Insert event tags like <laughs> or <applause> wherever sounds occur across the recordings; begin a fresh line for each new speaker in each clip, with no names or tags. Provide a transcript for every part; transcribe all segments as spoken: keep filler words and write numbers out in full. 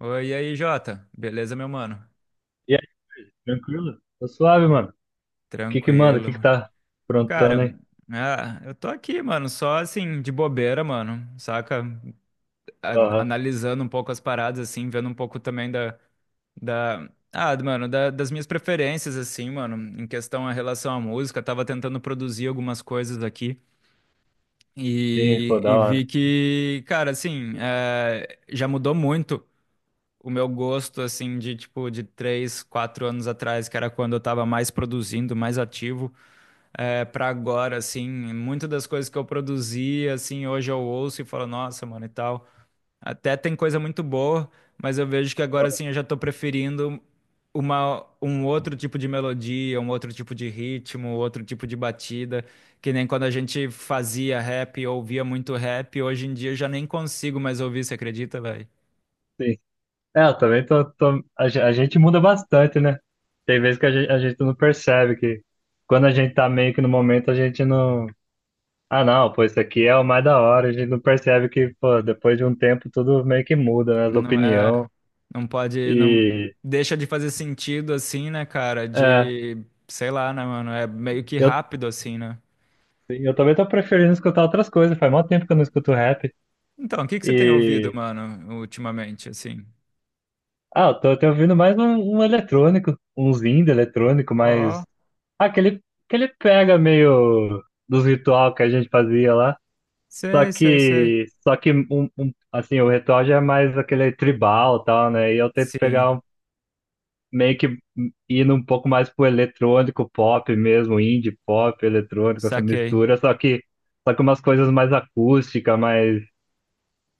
Oi, e aí, Jota? Beleza, meu mano?
E aí, tranquilo? Tô suave, mano. O que que manda? O
Tranquilo,
que que
mano.
tá aprontando aí?
Cara, ah, eu tô aqui, mano, só assim, de bobeira, mano, saca? A-
Aham,
analisando um pouco as paradas, assim, vendo um pouco também da, da, ah, mano, da- das minhas preferências, assim, mano, em questão a relação à música. Tava tentando produzir algumas coisas aqui
sim,
e,
pô, da
e vi
hora.
que, cara, assim, eh, já mudou muito. O meu gosto, assim, de tipo, de três, quatro anos atrás, que era quando eu tava mais produzindo, mais ativo, é, pra agora, assim, muitas das coisas que eu produzia, assim, hoje eu ouço e falo, nossa, mano, e tal. Até tem coisa muito boa, mas eu vejo que agora,
Ó.
assim, eu já tô preferindo uma, um outro tipo de melodia, um outro tipo de ritmo, outro tipo de batida, que nem quando a gente fazia rap, ouvia muito rap, hoje em dia eu já nem consigo mais ouvir, você acredita?
Sim. É, eu também tô, tô- A, ge- a gente muda bastante, né? Tem vezes que a gente, a gente não percebe que quando a gente tá meio que no momento, a gente não. Ah, não, pô, isso aqui é o mais da hora. A gente não percebe que, pô, depois de um tempo tudo meio que muda, né? As
Não é,
opinião.
não pode, não
E...
deixa de fazer sentido assim, né, cara?
É,
De, sei lá, né, mano? É meio que
eu,
rápido assim, né?
eu também tô preferindo escutar outras coisas. Faz mó tempo que eu não escuto rap.
Então, o que que você tem ouvido,
E...
mano, ultimamente, assim?
Ah, eu tô até ouvindo mais um, um eletrônico, uns indie eletrônico,
Ó,
mas. Ah, aquele, aquele pega meio dos ritual que a gente fazia lá. Só
sei, sei, sei.
que. Só que, um, um- assim, o ritual já é mais aquele tribal e tal, né? E eu tento
Sim,
pegar um, meio que indo um pouco mais pro eletrônico pop mesmo, indie pop, eletrônico, essa
saquei.
mistura. Só que. Só que umas coisas mais acústica, mais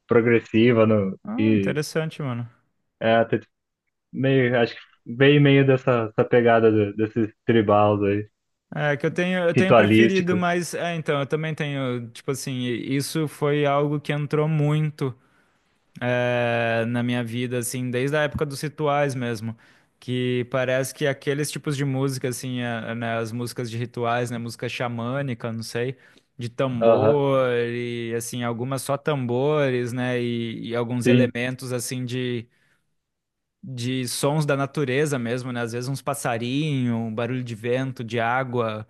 progressiva no,
Ah,
e.
interessante, mano.
É, meio, acho que bem meio dessa, dessa pegada do, desses tribals aí,
É que eu tenho, eu tenho preferido,
ritualístico.
mas é, então, eu também tenho, tipo assim, isso foi algo que entrou muito. Eh, na minha vida, assim, desde a época dos rituais mesmo, que parece que aqueles tipos de música, assim, a- né, as músicas de rituais, né, música xamânica, não sei, de
Aham,
tambor e, assim, algumas só tambores, né, e, e alguns
sim,
elementos, assim, de, de sons da natureza mesmo, né, às vezes uns passarinho, um barulho de vento, de água.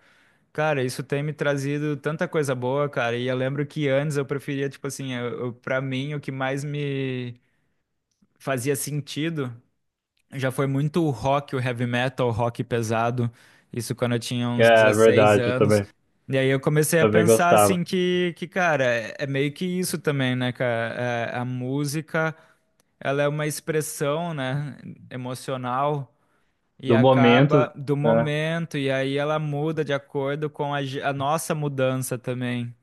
Cara, isso tem me trazido tanta coisa boa, cara. E eu lembro que antes eu preferia, tipo assim, eu, eu, pra mim, o que mais me fazia sentido. Já foi muito o rock, o heavy metal, o rock pesado. Isso quando eu tinha uns
é
dezesseis
verdade, eu
anos.
também,
E aí eu comecei a
também
pensar
gostava.
assim que, que, cara, é é meio que isso também, né, cara? É, a música, ela é uma expressão, né, emocional e
Do momento,
acaba do
né?
momento e aí ela muda de acordo com a, ge- a nossa mudança também,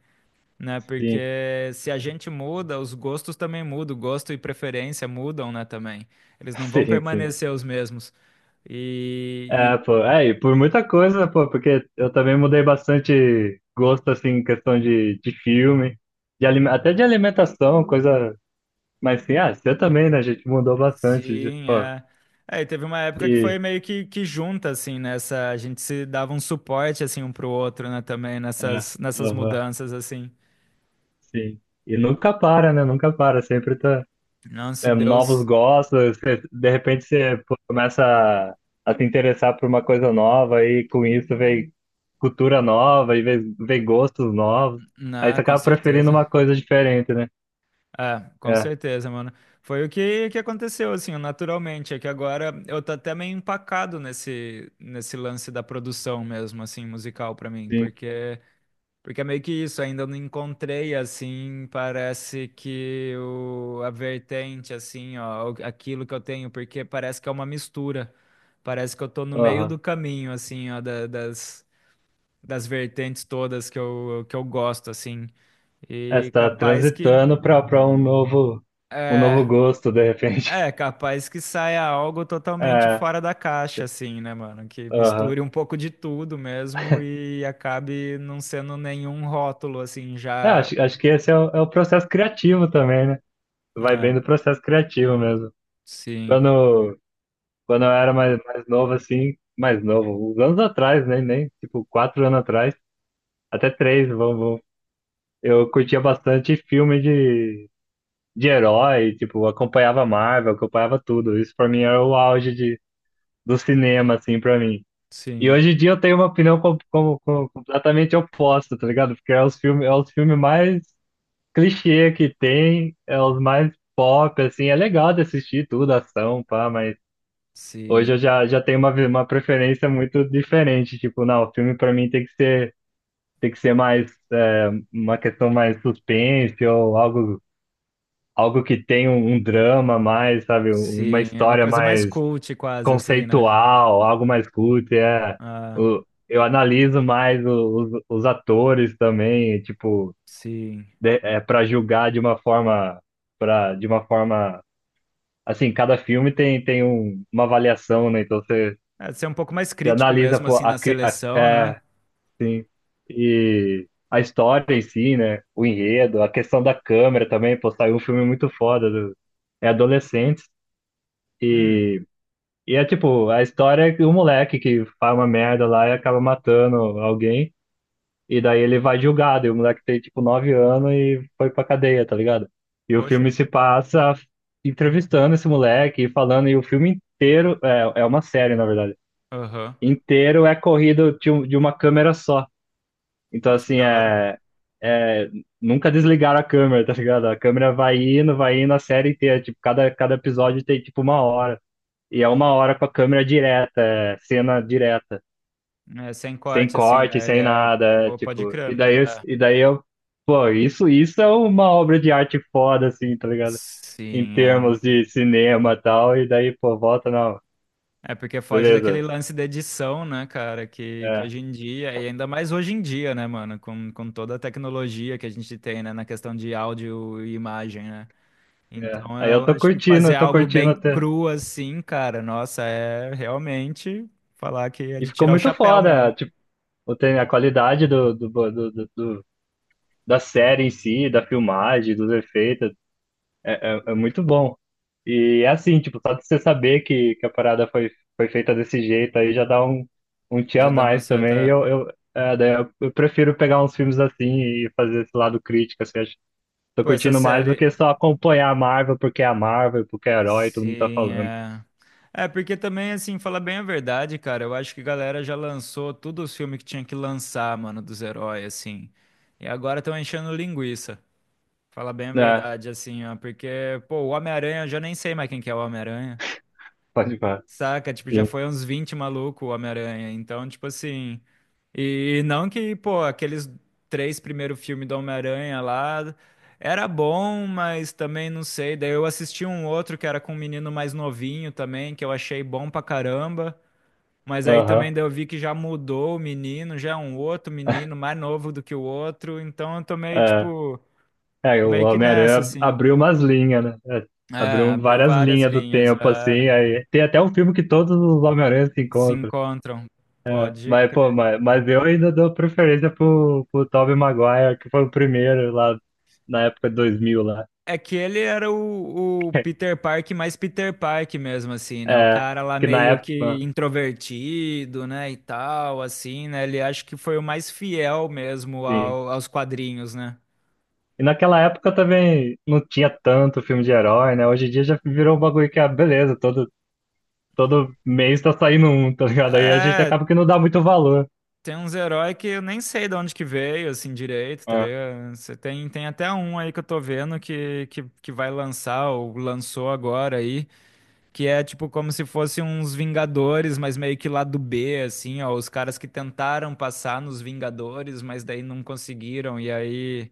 né?
Sim.
Porque se a gente muda, os gostos também mudam, gosto e preferência mudam, né, também. Eles não
<laughs>
vão
Sim, sim.
permanecer os mesmos. E,
É,
e-
pô, é, e por muita coisa, pô, porque eu também mudei bastante gosto, assim, em questão de, de filme, de, alime- até de alimentação, coisa, mas sim, ah, você também, né, a gente mudou bastante, de,
sim,
pô,
é. É, e teve uma época que foi
e,
meio que, que junta, assim, nessa. A gente se dava um suporte, assim, um pro outro, né, também,
é,
nessas, nessas
aham,
mudanças, assim.
sim. E nunca para, né? Nunca para, sempre tá.
Não, se
É, novos
Deus.
gostos, você- de repente você pô, começa a, a se interessar por uma coisa nova e com isso vem cultura nova e vem, vem, gostos novos. Aí
Não,
você
com
acaba preferindo
certeza.
uma coisa diferente, né?
É, com
É,
certeza, mano. Foi o que, que aconteceu, assim, naturalmente. É que agora eu tô até meio empacado nesse, nesse lance da produção mesmo, assim, musical pra mim.
sim.
Porque, porque é meio que isso, ainda não encontrei, assim, parece que o, a vertente, assim, ó, o- aquilo que eu tenho, porque parece que é uma mistura. Parece que eu tô no meio do
Aham.
caminho, assim, ó, da- das, das vertentes todas que eu que eu gosto, assim.
É, você
E
tá
capaz que.
transitando para para um novo um
É,
novo gosto, de repente. <laughs>
é, capaz que saia algo totalmente
É,
fora da caixa, assim, né, mano? Que
aham.
misture um pouco de tudo mesmo e acabe não sendo nenhum rótulo, assim,
É,
já,
acho, acho que esse é o, é o processo criativo também, né? Vai bem
né?
do processo criativo mesmo.
Sim,
Quando Quando eu era mais, mais, novo, assim, mais novo, uns anos atrás, né? Nem, tipo, quatro anos atrás, até três, vamos, vamos. Eu curtia bastante filme de, de herói, tipo, acompanhava Marvel, acompanhava tudo. Isso pra mim era o auge de, do cinema, assim, pra mim. E
sim,
hoje em dia eu tenho uma opinião com, com, com- completamente oposta, tá ligado? Porque é os filmes, é os filmes, mais clichê que tem, é os mais pop, assim, é legal de assistir tudo, ação, pá, mas.
sim,
Hoje eu já, já, tenho uma, vi- uma preferência muito diferente. Tipo, não, o filme pra mim tem que ser, tem que ser, mais é, uma questão mais suspense ou algo, algo que tenha um, um drama mais, sabe, um, uma
sim. É uma
história
coisa mais
mais
cult, quase, assim, né?
conceitual, algo mais cult. É.
Ah,
O, eu analiso mais o- os, os atores também, tipo,
sim.
de, é, para julgar de uma forma, para de uma forma, assim, cada filme tem, tem um, uma avaliação, né? Então você
É, ser um pouco mais
Você
crítico
analisa,
mesmo,
pô,
assim,
a,
na
cri- a,
seleção, né?
é, sim, e a história em si, né? O enredo, a questão da câmera também, pô, saiu um filme muito foda. Do- é adolescentes
Hum,
e, e é tipo, a história é que o moleque que faz uma merda lá e acaba matando alguém, e daí ele vai julgado, e o moleque tem tipo nove anos e foi pra cadeia, tá ligado? E o
poxa.
filme se passa entrevistando esse moleque e falando, e o filme inteiro é, é uma série, na verdade
Aham.
inteiro é corrido de, um- de uma câmera só. Então,
Nossa, que
assim,
da hora.
é, é. Nunca desligaram a câmera, tá ligado? A câmera vai indo, vai indo a série inteira. Tipo, cada, cada episódio tem, tipo, uma hora. E é uma hora com a câmera direta, é, cena direta.
É, sem
Sem
corte, assim,
corte,
né? Ele
sem
é.
nada. É,
Pô, pode
tipo,
crer.
e daí, eu- e daí eu. Pô, isso, isso é uma obra de arte foda, assim, tá ligado? Em
Sim, é.
termos de cinema e tal. E daí, pô, volta, não.
É porque foge daquele
Beleza.
lance da edição, né, cara? Que, que
É,
hoje em dia, e ainda mais hoje em dia, né, mano? Com, com toda a tecnologia que a gente tem, né, na questão de áudio e imagem, né?
é.
Então
Aí eu
eu
tô
acho que
curtindo,
fazer
tô
algo
curtindo
bem
até.
cru assim, cara, nossa, é realmente falar que é
E
de
ficou
tirar o
muito
chapéu mesmo.
foda, tipo, tem a qualidade do, do, do, do- do- da série em si, da filmagem, dos efeitos, é, é, é muito bom. E é assim, tipo, só de você saber que, que, a parada foi, foi feita desse jeito aí já dá um, um tchan a
De dar uma
mais também. E
certa.
eu, eu, é, daí eu, eu prefiro pegar uns filmes assim e fazer esse lado crítico, assim, acho, tô
Pô, essa
curtindo mais do
série.
que só acompanhar a Marvel porque é a Marvel, porque é herói, todo mundo tá
Sim,
falando.
é. É, porque também, assim, falar bem a verdade, cara, eu acho que a galera já lançou todos os filmes que tinha que lançar, mano, dos heróis, assim. E agora estão enchendo linguiça. Falar bem a
É,
verdade, assim, ó. Porque, pô, o Homem-Aranha, eu já nem sei mais quem que é o Homem-Aranha.
pode falar.
Saca? Tipo, já
Sim.
foi uns vinte maluco o Homem-Aranha. Então, tipo assim. E não que, pô, aqueles três primeiros filmes do Homem-Aranha lá era bom, mas também não sei. Daí eu assisti um outro que era com um menino mais novinho também, que eu achei bom pra caramba. Mas aí também
Aham.
daí eu vi que já mudou o menino, já é um outro menino, mais novo do que o outro. Então eu tô meio,
É.
tipo,
É,
tô
o
meio que nessa,
Homem-Aranha
assim.
abriu umas linhas, né? É,
É,
abriu
abriu
várias
várias
linhas do
linhas.
tempo,
É,
assim. Aí tem até um filme que todos os Homem-Aranha se
se
encontram.
encontram.
É,
Pode.
mas, pô, mas, mas eu ainda dou preferência pro, pro, Tobey Maguire, que foi o primeiro lá na época de dois mil lá.
É que ele era o, o
<laughs>
Peter Park mais Peter Park mesmo, assim, né? O
É,
cara lá
que na
meio que
época,
introvertido, né? E tal, assim, né? Ele acho que foi o mais fiel mesmo
sim.
ao- aos quadrinhos, né?
E naquela época também não tinha tanto filme de herói, né? Hoje em dia já virou um bagulho que é beleza, todo, todo mês tá saindo um, tá ligado? Aí a gente
É,
acaba que não dá muito valor.
tem uns heróis que eu nem sei de onde que veio, assim, direito, tá
Ah,
ligado? Você tem, tem até um aí que eu tô vendo que, que, que vai lançar, ou lançou agora aí. Que é tipo como se fossem uns Vingadores, mas meio que lá do B, assim, ó. Os caras que tentaram passar nos Vingadores, mas daí não conseguiram. E aí,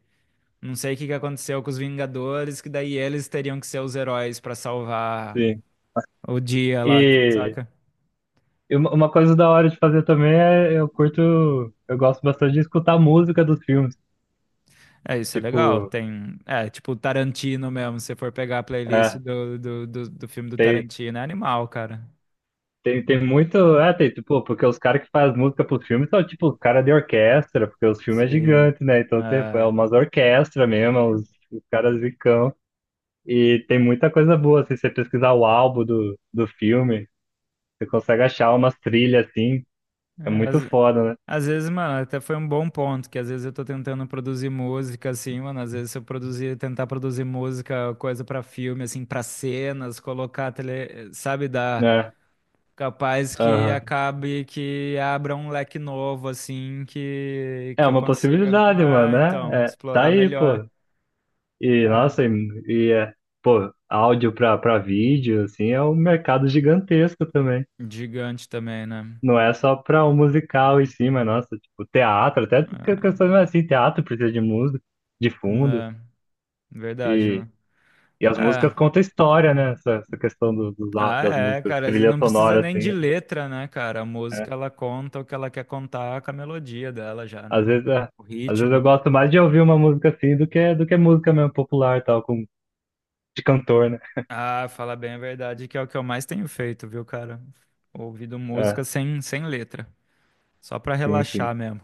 não sei o que que aconteceu com os Vingadores, que daí eles teriam que ser os heróis pra salvar
sim.
o dia lá,
E,
saca?
E uma uma coisa da hora de fazer também é eu curto, eu gosto bastante de escutar a música dos filmes.
É, isso é legal.
Tipo,
Tem. É, tipo Tarantino mesmo. Se você for pegar a playlist
é,
do, do, do, do filme do
tem,
Tarantino, é animal, cara.
tem, tem muito. É, tem, tipo, porque os caras que fazem música pros filmes são tipo os caras de orquestra, porque os filmes é
Sim.
gigante, né? Então tem é
É.
umas orquestras mesmo, os, os, caras zicão. E tem muita coisa boa, assim, se você pesquisar o álbum do, do filme, você consegue achar umas trilhas assim, é
É.
muito
as-
foda,
Às vezes, mano, até foi um bom ponto, que às vezes eu tô tentando produzir música, assim, mano, às vezes se eu produzir, tentar produzir música, coisa pra filme, assim, pra cenas, colocar tele, sabe, dá
né?
capaz
É,
que
aham.
acabe que abra um leque novo, assim, que
É
que eu
uma
consiga,
possibilidade, mano,
ah, então,
né? É, tá
explorar
aí, pô.
melhor.
E,
É,
nossa, e, e, é, pô, áudio pra, pra vídeo, assim, é um mercado gigantesco também.
gigante também, né?
Não é só pra o musical em si, mas, nossa, tipo, teatro, até que- questões mais assim, teatro precisa de música, de
É,
fundo,
né? Verdade,
e,
mano.
e as
É.
músicas contam história, né? Essa, essa questão do, dos á-
Ah,
das
é,
músicas,
cara,
trilha
não precisa
sonora,
nem de
assim.
letra, né, cara? A música ela conta o que ela quer contar com a melodia dela já,
Às
né?
vezes, é,
O
às vezes eu
ritmo.
gosto mais de ouvir uma música assim do que, do que música mesmo popular, tal, com, de cantor, né?
Ah, fala bem a verdade, que é o que eu mais tenho feito, viu, cara? Ouvido
É,
música sem, sem letra, só pra
sim, sim.
relaxar mesmo.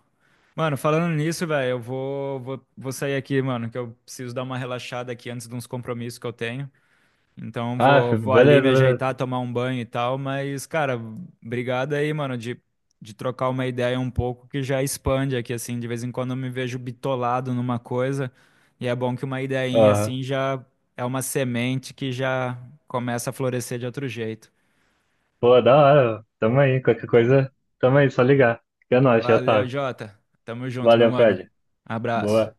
Mano, falando nisso, velho, eu vou, vou, vou sair aqui, mano, que eu preciso dar uma relaxada aqui antes de uns compromissos que eu tenho. Então
Ah,
vou, vou ali me
beleza, beleza.
ajeitar, tomar um banho e tal, mas, cara, obrigado aí, mano, de, de trocar uma ideia um pouco que já expande aqui, assim, de vez em quando eu me vejo bitolado numa coisa, e é bom que uma ideinha
Aham.
assim já é uma semente que já começa a florescer de outro jeito.
Pô, da hora. Tamo aí. Qualquer coisa, tamo aí. Só ligar. Que é nóis, já
Valeu,
sabe.
Jota. Tamo junto, meu
Valeu,
mano.
Fred.
Abraço.
Boa.